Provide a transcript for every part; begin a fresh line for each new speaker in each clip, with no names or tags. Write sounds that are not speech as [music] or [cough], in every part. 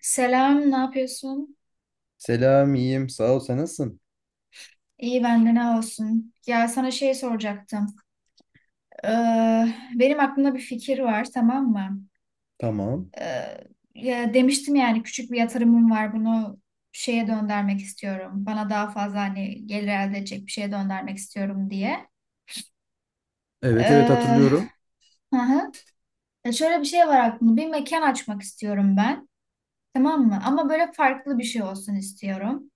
Selam, ne yapıyorsun?
Selam, iyiyim. Sağ ol. Sen nasılsın?
İyi ben de ne olsun. Ya sana şey soracaktım. Ee, benim aklımda bir fikir var, tamam mı?
Tamam.
Ee, ya demiştim yani küçük bir yatırımım var, bunu şeye döndürmek istiyorum. Bana daha fazla hani gelir elde edecek bir şeye döndürmek istiyorum diye.
Evet evet
Ee,
hatırlıyorum.
hı hı. Ya şöyle bir şey var aklımda. Bir mekan açmak istiyorum ben, tamam mı? Ama böyle farklı bir şey olsun istiyorum.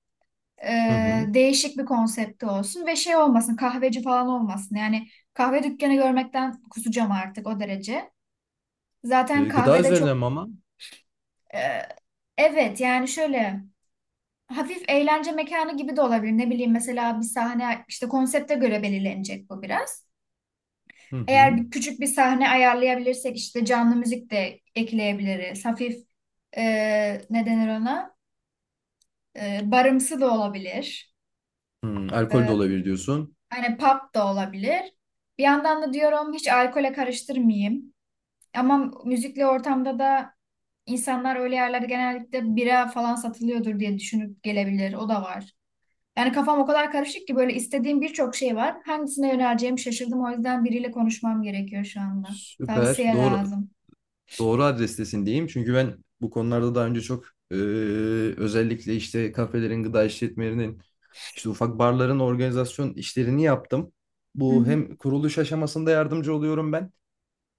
Hı hı.
Değişik bir konsepti olsun ve şey olmasın, kahveci falan olmasın. Yani kahve dükkanı görmekten kusacağım artık o derece. Zaten
E, gıda
kahvede çok
üzerine mi ama?
e, evet yani şöyle hafif eğlence mekanı gibi de olabilir. Ne bileyim mesela bir sahne, işte konsepte göre belirlenecek bu biraz.
Hı
Eğer
hı.
bir küçük bir sahne ayarlayabilirsek işte canlı müzik de ekleyebiliriz. Hafif e, ne denir ona? Barımsı da olabilir.
Hı, alkol de olabilir diyorsun.
Hani pop da olabilir. Bir yandan da diyorum hiç alkole karıştırmayayım. Ama müzikli ortamda da insanlar öyle yerlerde genellikle bira falan satılıyordur diye düşünüp gelebilir. O da var. Yani kafam o kadar karışık ki böyle istediğim birçok şey var. Hangisine yöneleceğimi şaşırdım. O yüzden biriyle konuşmam gerekiyor şu anda.
Süper.
Tavsiye
Doğru
lazım.
doğru adrestesin diyeyim. Çünkü ben bu konularda daha önce çok e, özellikle işte kafelerin, gıda işletmelerinin, işte ufak barların organizasyon işlerini yaptım.
Hı
Bu
hı.
hem kuruluş aşamasında yardımcı oluyorum ben.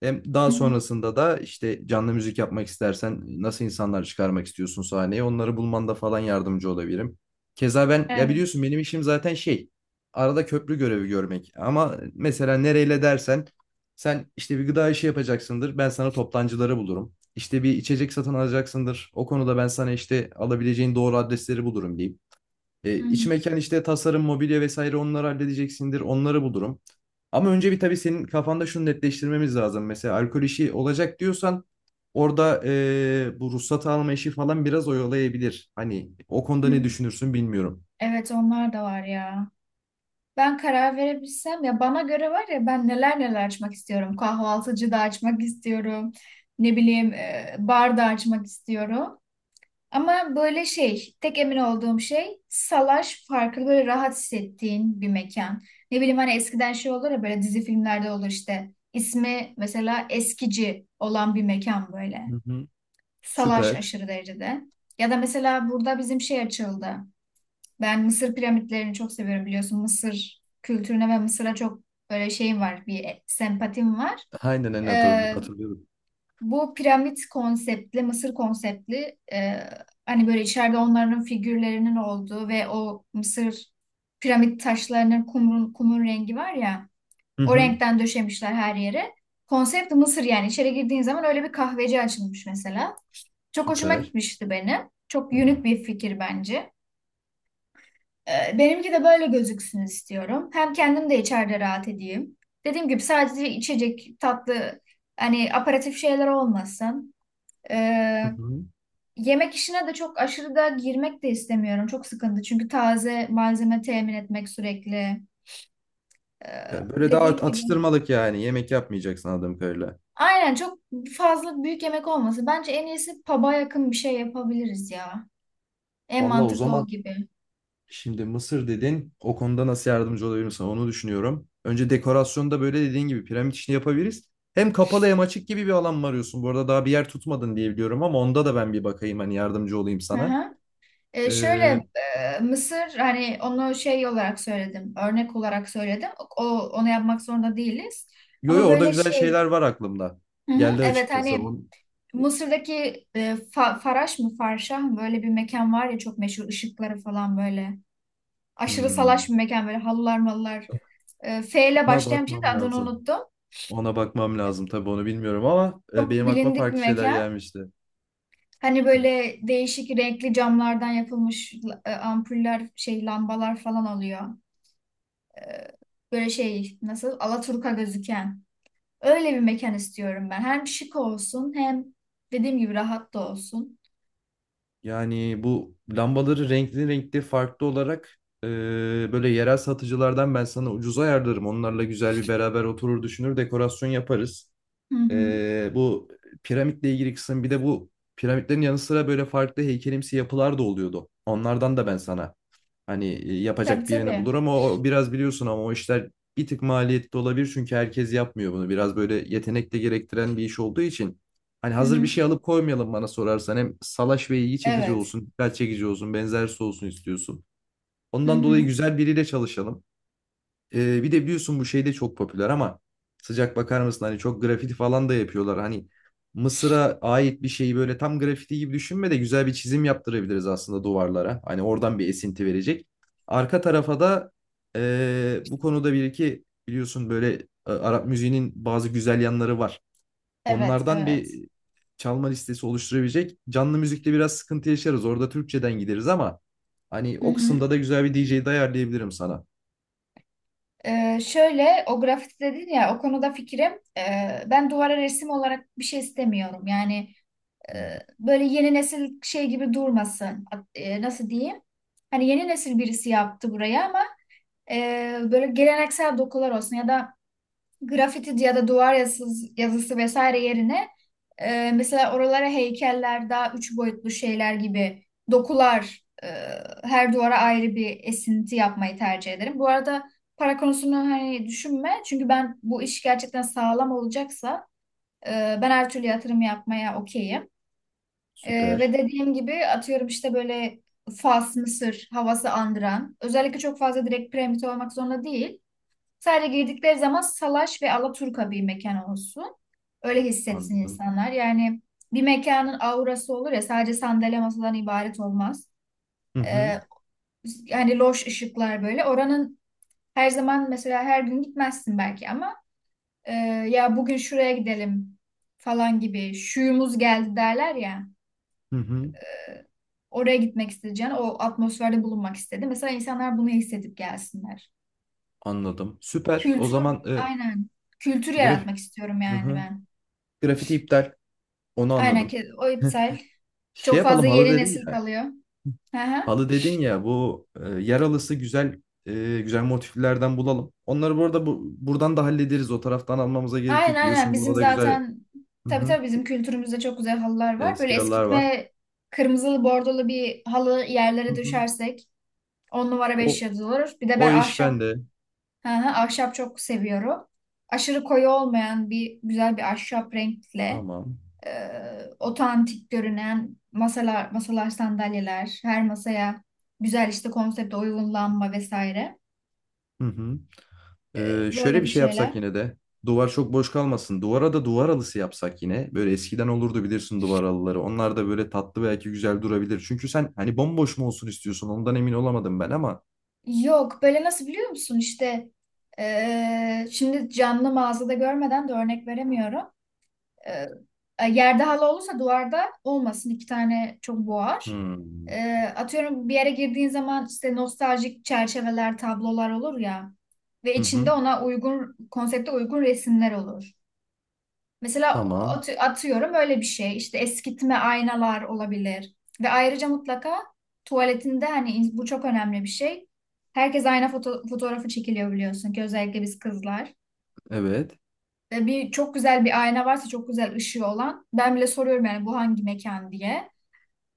Hem
Hı
daha
hı.
sonrasında da işte canlı müzik yapmak istersen nasıl insanlar çıkarmak istiyorsun sahneye onları bulmanda falan yardımcı olabilirim. Keza ben ya
Evet.
biliyorsun benim işim zaten şey arada köprü görevi görmek ama mesela nereyle dersen sen işte bir gıda işi yapacaksındır ben sana toptancıları bulurum. İşte bir içecek satın alacaksındır o konuda ben sana işte alabileceğin doğru adresleri bulurum diyeyim. E,
Hı
iç
hı.
mekan işte tasarım, mobilya vesaire onları halledeceksindir. Onları bulurum. Ama önce bir tabii senin kafanda şunu netleştirmemiz lazım. Mesela alkol işi olacak diyorsan orada bu ruhsat alma işi falan biraz oyalayabilir. Hani o konuda
Hı.
ne düşünürsün bilmiyorum.
Evet, onlar da var ya. Ben karar verebilsem ya, bana göre var ya ben neler neler açmak istiyorum. Kahvaltıcı da açmak istiyorum. Ne bileyim bar da açmak istiyorum. Ama böyle şey, tek emin olduğum şey salaş farklı böyle rahat hissettiğin bir mekan. Ne bileyim hani eskiden şey olur ya böyle dizi filmlerde olur işte. İsmi mesela eskici olan bir mekan böyle.
Hı hı.
Salaş
Süper.
aşırı derecede. Ya da mesela burada bizim şey açıldı. Ben Mısır piramitlerini çok seviyorum biliyorsun. Mısır kültürüne ve Mısır'a çok böyle şeyim var, bir sempatim var.
Aynen aynen
Ee,
hatırlıyorum.
bu piramit konseptli, Mısır konseptli, hani böyle içeride onların figürlerinin olduğu ve o Mısır piramit taşlarının, kumun, kumun rengi var ya,
Hı
o
hı.
renkten döşemişler her yere. Konsept Mısır, yani içeri girdiğin zaman öyle bir kahveci açılmış mesela. Çok hoşuma
Süper.
gitmişti benim. Çok unik bir fikir bence. Benimki de böyle gözüksün istiyorum. Hem kendim de içeride rahat edeyim. Dediğim gibi sadece içecek, tatlı, hani aperatif şeyler olmasın. Ee,
Hı hı.
yemek işine de çok aşırı da girmek de istemiyorum. Çok sıkıntı. Çünkü taze malzeme temin etmek sürekli.
Ya böyle daha
Dediğim gibi.
atıştırmalık yani. Yemek yapmayacaksın anladığım kadarıyla.
Aynen, çok fazla büyük yemek olması. Bence en iyisi pub'a yakın bir şey yapabiliriz ya. En
Vallahi o
mantıklı o
zaman
gibi.
şimdi Mısır dedin. O konuda nasıl yardımcı olabilirim sana onu düşünüyorum. Önce dekorasyonda böyle dediğin gibi piramit işini yapabiliriz. Hem kapalı hem açık gibi bir alan mı arıyorsun? Bu arada daha bir yer tutmadın diye biliyorum ama onda da ben bir bakayım hani yardımcı olayım
Hı
sana.
hı.
Ee,
Şöyle Mısır, hani onu şey olarak söyledim, örnek olarak söyledim. Ok, onu yapmak zorunda değiliz.
yo yo
Ama
orada
böyle
güzel
şey,
şeyler var aklımda.
hı hı,
Geldi
evet
açıkçası.
hani
On,
Mısır'daki Faraş mı, Farşah mı, böyle bir mekan var ya, çok meşhur ışıkları falan böyle. Aşırı salaş bir
hmm,
mekan, böyle halılar mallar. F ile
ona
başlayan bir şey
bakmam
de adını
lazım.
unuttum.
Ona bakmam lazım tabii onu bilmiyorum ama
Çok
benim aklıma
bilindik bir
farklı şeyler
mekan.
gelmişti.
Hani
Hı.
böyle değişik renkli camlardan yapılmış ampuller, şey, lambalar falan oluyor. Böyle şey nasıl, Alaturka gözüken. Öyle bir mekan istiyorum ben. Hem şık olsun hem dediğim gibi rahat da olsun.
Yani bu lambaları renkli renkli farklı olarak böyle yerel satıcılardan ben sana ucuza ayarlarım. Onlarla güzel bir beraber oturur düşünür dekorasyon yaparız.
Hı hı.
Bu piramitle ilgili kısım bir de bu piramitlerin yanı sıra böyle farklı heykelimsi yapılar da oluyordu. Onlardan da ben sana hani
Tabii
yapacak birini
tabii.
bulur ama o biraz biliyorsun ama o işler bir tık maliyetli olabilir çünkü herkes yapmıyor bunu. Biraz böyle yetenek de gerektiren bir iş olduğu için hani
Hı
hazır bir
hı.
şey alıp koymayalım bana sorarsan hem salaş ve ilgi çekici
Evet.
olsun, dikkat çekici olsun, benzersiz olsun istiyorsun.
Hı
Ondan dolayı
hı.
güzel biriyle çalışalım. Bir de biliyorsun bu şey de çok popüler ama sıcak bakar mısın hani çok grafiti falan da yapıyorlar. Hani Mısır'a ait bir şeyi böyle tam grafiti gibi düşünme de güzel bir çizim yaptırabiliriz aslında duvarlara. Hani oradan bir esinti verecek. Arka tarafa da bu konuda bir iki biliyorsun böyle Arap müziğinin bazı güzel yanları var.
Evet,
Onlardan
evet.
bir çalma listesi oluşturabilecek. Canlı müzikte biraz sıkıntı yaşarız. Orada Türkçeden gideriz ama hani
Hı
o
hı.
kısımda da güzel bir DJ de ayarlayabilirim sana.
Şöyle, o grafiti dedin ya, o konuda fikrim, ben duvara resim olarak bir şey istemiyorum. Yani
Hmm.
böyle yeni nesil şey gibi durmasın. Nasıl diyeyim? Hani yeni nesil birisi yaptı buraya ama böyle geleneksel dokular olsun, ya da grafiti ya da duvar yazısı, yazısı vesaire yerine mesela oralara heykeller, daha üç boyutlu şeyler gibi dokular, her duvara ayrı bir esinti yapmayı tercih ederim. Bu arada para konusunu hani düşünme. Çünkü ben bu iş gerçekten sağlam olacaksa, e, ben her türlü yatırım yapmaya okeyim. Ve
Süper.
dediğim gibi atıyorum işte böyle Fas, Mısır havası andıran. Özellikle çok fazla direkt piramit olmak zorunda değil. Sadece girdikleri zaman salaş ve alaturka bir mekan olsun. Öyle hissetsin
Anladım.
insanlar. Yani bir mekanın aurası olur ya, sadece sandalye masadan ibaret olmaz.
Hı hı.
Ee, yani loş ışıklar böyle. Oranın her zaman, mesela her gün gitmezsin belki, ama e, ya bugün şuraya gidelim falan gibi şuyumuz geldi derler ya.
Hı hı.
Oraya gitmek isteyeceğin, o atmosferde bulunmak istedi. Mesela insanlar bunu hissedip gelsinler.
Anladım. Süper. O
Kültür,
zaman e,
aynen. Kültür
graf
yaratmak istiyorum
Hı
yani
hı,
ben.
grafiti iptal. Onu
Aynen
anladım.
ki, o iptal.
[laughs] Şey
Çok fazla
yapalım halı
yeni
dedin
nesil
ya.
kalıyor. Hı hı.
Halı dedin ya bu yer halısı güzel güzel motiflerden bulalım. Onları bu arada buradan da hallederiz. O taraftan almamıza gerek
Aynen
yok.
aynen,
Biliyorsun
bizim
burada da güzel
zaten,
hı
tabii
hı,
tabii bizim kültürümüzde çok güzel halılar var. Böyle
eski halılar var.
eskitme kırmızılı bordolu bir halı
Hı
yerlere
hı.
düşersek 10 numara 5
O
yıldız olur. Bir de
o
ben
iş
ahşap,
bende.
hı hı, ahşap çok seviyorum. Aşırı koyu olmayan bir güzel bir ahşap renkle
Tamam.
e, otantik görünen masalar, sandalyeler, her masaya güzel işte konsepte uygun lamba vesaire.
Hı hı. Şöyle
Böyle
bir
bir
şey yapsak
şeyler.
yine de. Duvar çok boş kalmasın. Duvara da duvar halısı yapsak yine. Böyle eskiden olurdu bilirsin duvar halıları. Onlar da böyle tatlı belki güzel durabilir. Çünkü sen hani bomboş mu olsun istiyorsun? Ondan emin olamadım ben ama.
Yok böyle nasıl biliyor musun işte şimdi canlı mağazada görmeden de örnek veremiyorum. Eee, yerde halı olursa duvarda olmasın, iki tane çok boğar.
Hmm.
Atıyorum bir yere girdiğin zaman işte nostaljik çerçeveler tablolar olur ya, ve
Hı
içinde
hı.
ona uygun, konsepte uygun resimler olur. Mesela
Tamam.
atıyorum öyle bir şey. İşte eskitme aynalar olabilir. Ve ayrıca mutlaka tuvaletinde, hani bu çok önemli bir şey. Herkes ayna fotoğrafı çekiliyor biliyorsun ki, özellikle biz kızlar.
Evet.
Ve bir, çok güzel bir ayna varsa, çok güzel ışığı olan. Ben bile soruyorum yani bu hangi mekan diye.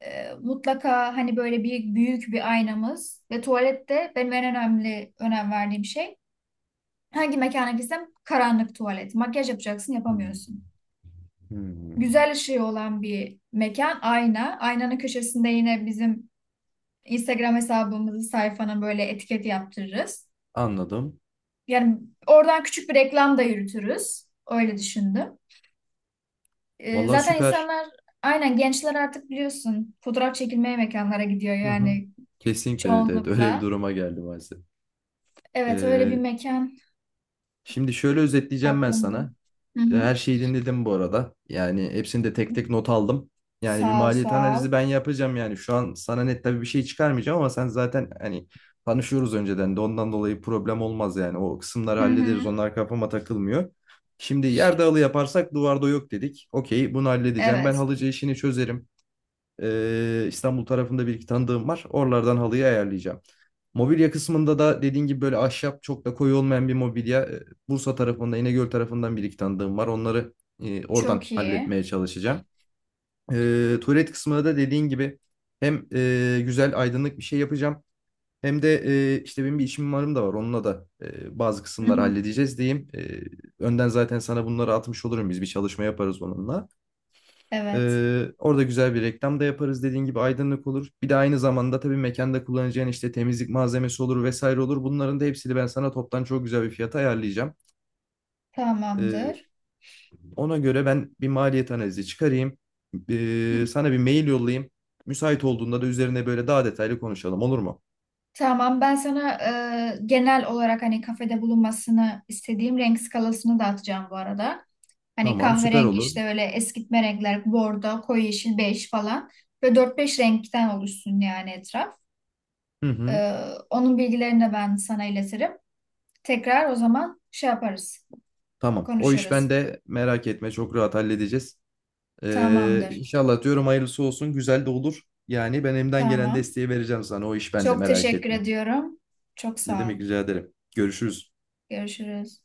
Mutlaka hani böyle bir büyük bir aynamız, ve tuvalette benim en önemli önem verdiğim şey. Hangi mekana gitsem karanlık tuvalet. Makyaj yapacaksın
Hmm.
yapamıyorsun.
Hmm.
Güzel ışığı olan bir mekan, ayna. Aynanın köşesinde yine bizim Instagram hesabımızı, sayfanın, böyle etiket yaptırırız.
Anladım.
Yani oradan küçük bir reklam da yürütürüz. Öyle düşündüm.
Vallahi
Zaten
süper.
insanlar, aynen, gençler artık biliyorsun fotoğraf çekilmeye mekanlara gidiyor
Hı hı.
yani
Kesinlikle evet evet. Öyle bir
çoğunlukla.
duruma geldi maalesef.
Evet, öyle bir
Ee,
mekan
şimdi şöyle özetleyeceğim ben
aklımda.
sana.
Hı hı.
Her şeyi dinledim bu arada. Yani hepsini de tek tek not aldım. Yani bir
Sağ ol,
maliyet
sağ ol.
analizi ben yapacağım yani. Şu an sana net tabii bir şey çıkarmayacağım ama sen zaten hani tanışıyoruz önceden de ondan dolayı problem olmaz yani. O kısımları
Hı
hallederiz.
hı.
Onlar kafama takılmıyor. Şimdi yerde halı yaparsak duvarda yok dedik. Okey bunu halledeceğim. Ben
Evet.
halıcı işini çözerim. İstanbul tarafında bir iki tanıdığım var. Oralardan halıyı ayarlayacağım. Mobilya kısmında da dediğin gibi böyle ahşap çok da koyu olmayan bir mobilya. Bursa tarafında, İnegöl tarafından bir iki tanıdığım var. Onları oradan
Çok iyi.
halletmeye çalışacağım. E, tuvalet kısmında da dediğin gibi hem güzel aydınlık bir şey yapacağım. Hem de işte benim bir işim mimarım da var. Onunla da bazı
Hı
kısımları
hı.
halledeceğiz diyeyim. Önden zaten sana bunları atmış olurum. Biz bir çalışma yaparız onunla.
Evet.
Orada güzel bir reklam da yaparız dediğin gibi aydınlık olur. Bir de aynı zamanda tabii mekanda kullanacağın işte temizlik malzemesi olur vesaire olur. Bunların da hepsini ben sana toptan çok güzel bir fiyata ayarlayacağım. Ee,
Tamamdır.
ona göre ben bir maliyet analizi çıkarayım.
Hı.
Sana bir mail yollayayım. Müsait olduğunda da üzerine böyle daha detaylı konuşalım olur mu?
Tamam, ben sana genel olarak hani kafede bulunmasını istediğim renk skalasını da atacağım bu arada. Hani
Tamam süper
kahverengi,
olur.
işte öyle eskitme renkler, bordo, koyu yeşil, bej falan. Ve dört beş renkten oluşsun yani etraf.
Hı hı,
E, onun bilgilerini de ben sana iletirim. Tekrar o zaman şey yaparız,
tamam o iş
konuşuruz.
bende merak etme çok rahat halledeceğiz.
Tamamdır,
İnşallah diyorum hayırlısı olsun güzel de olur. Yani ben elimden gelen
tamam.
desteği vereceğim sana o iş bende
Çok
merak
teşekkür
etme.
ediyorum. Çok
Ne
sağ ol.
demek rica ederim. Görüşürüz.
Görüşürüz.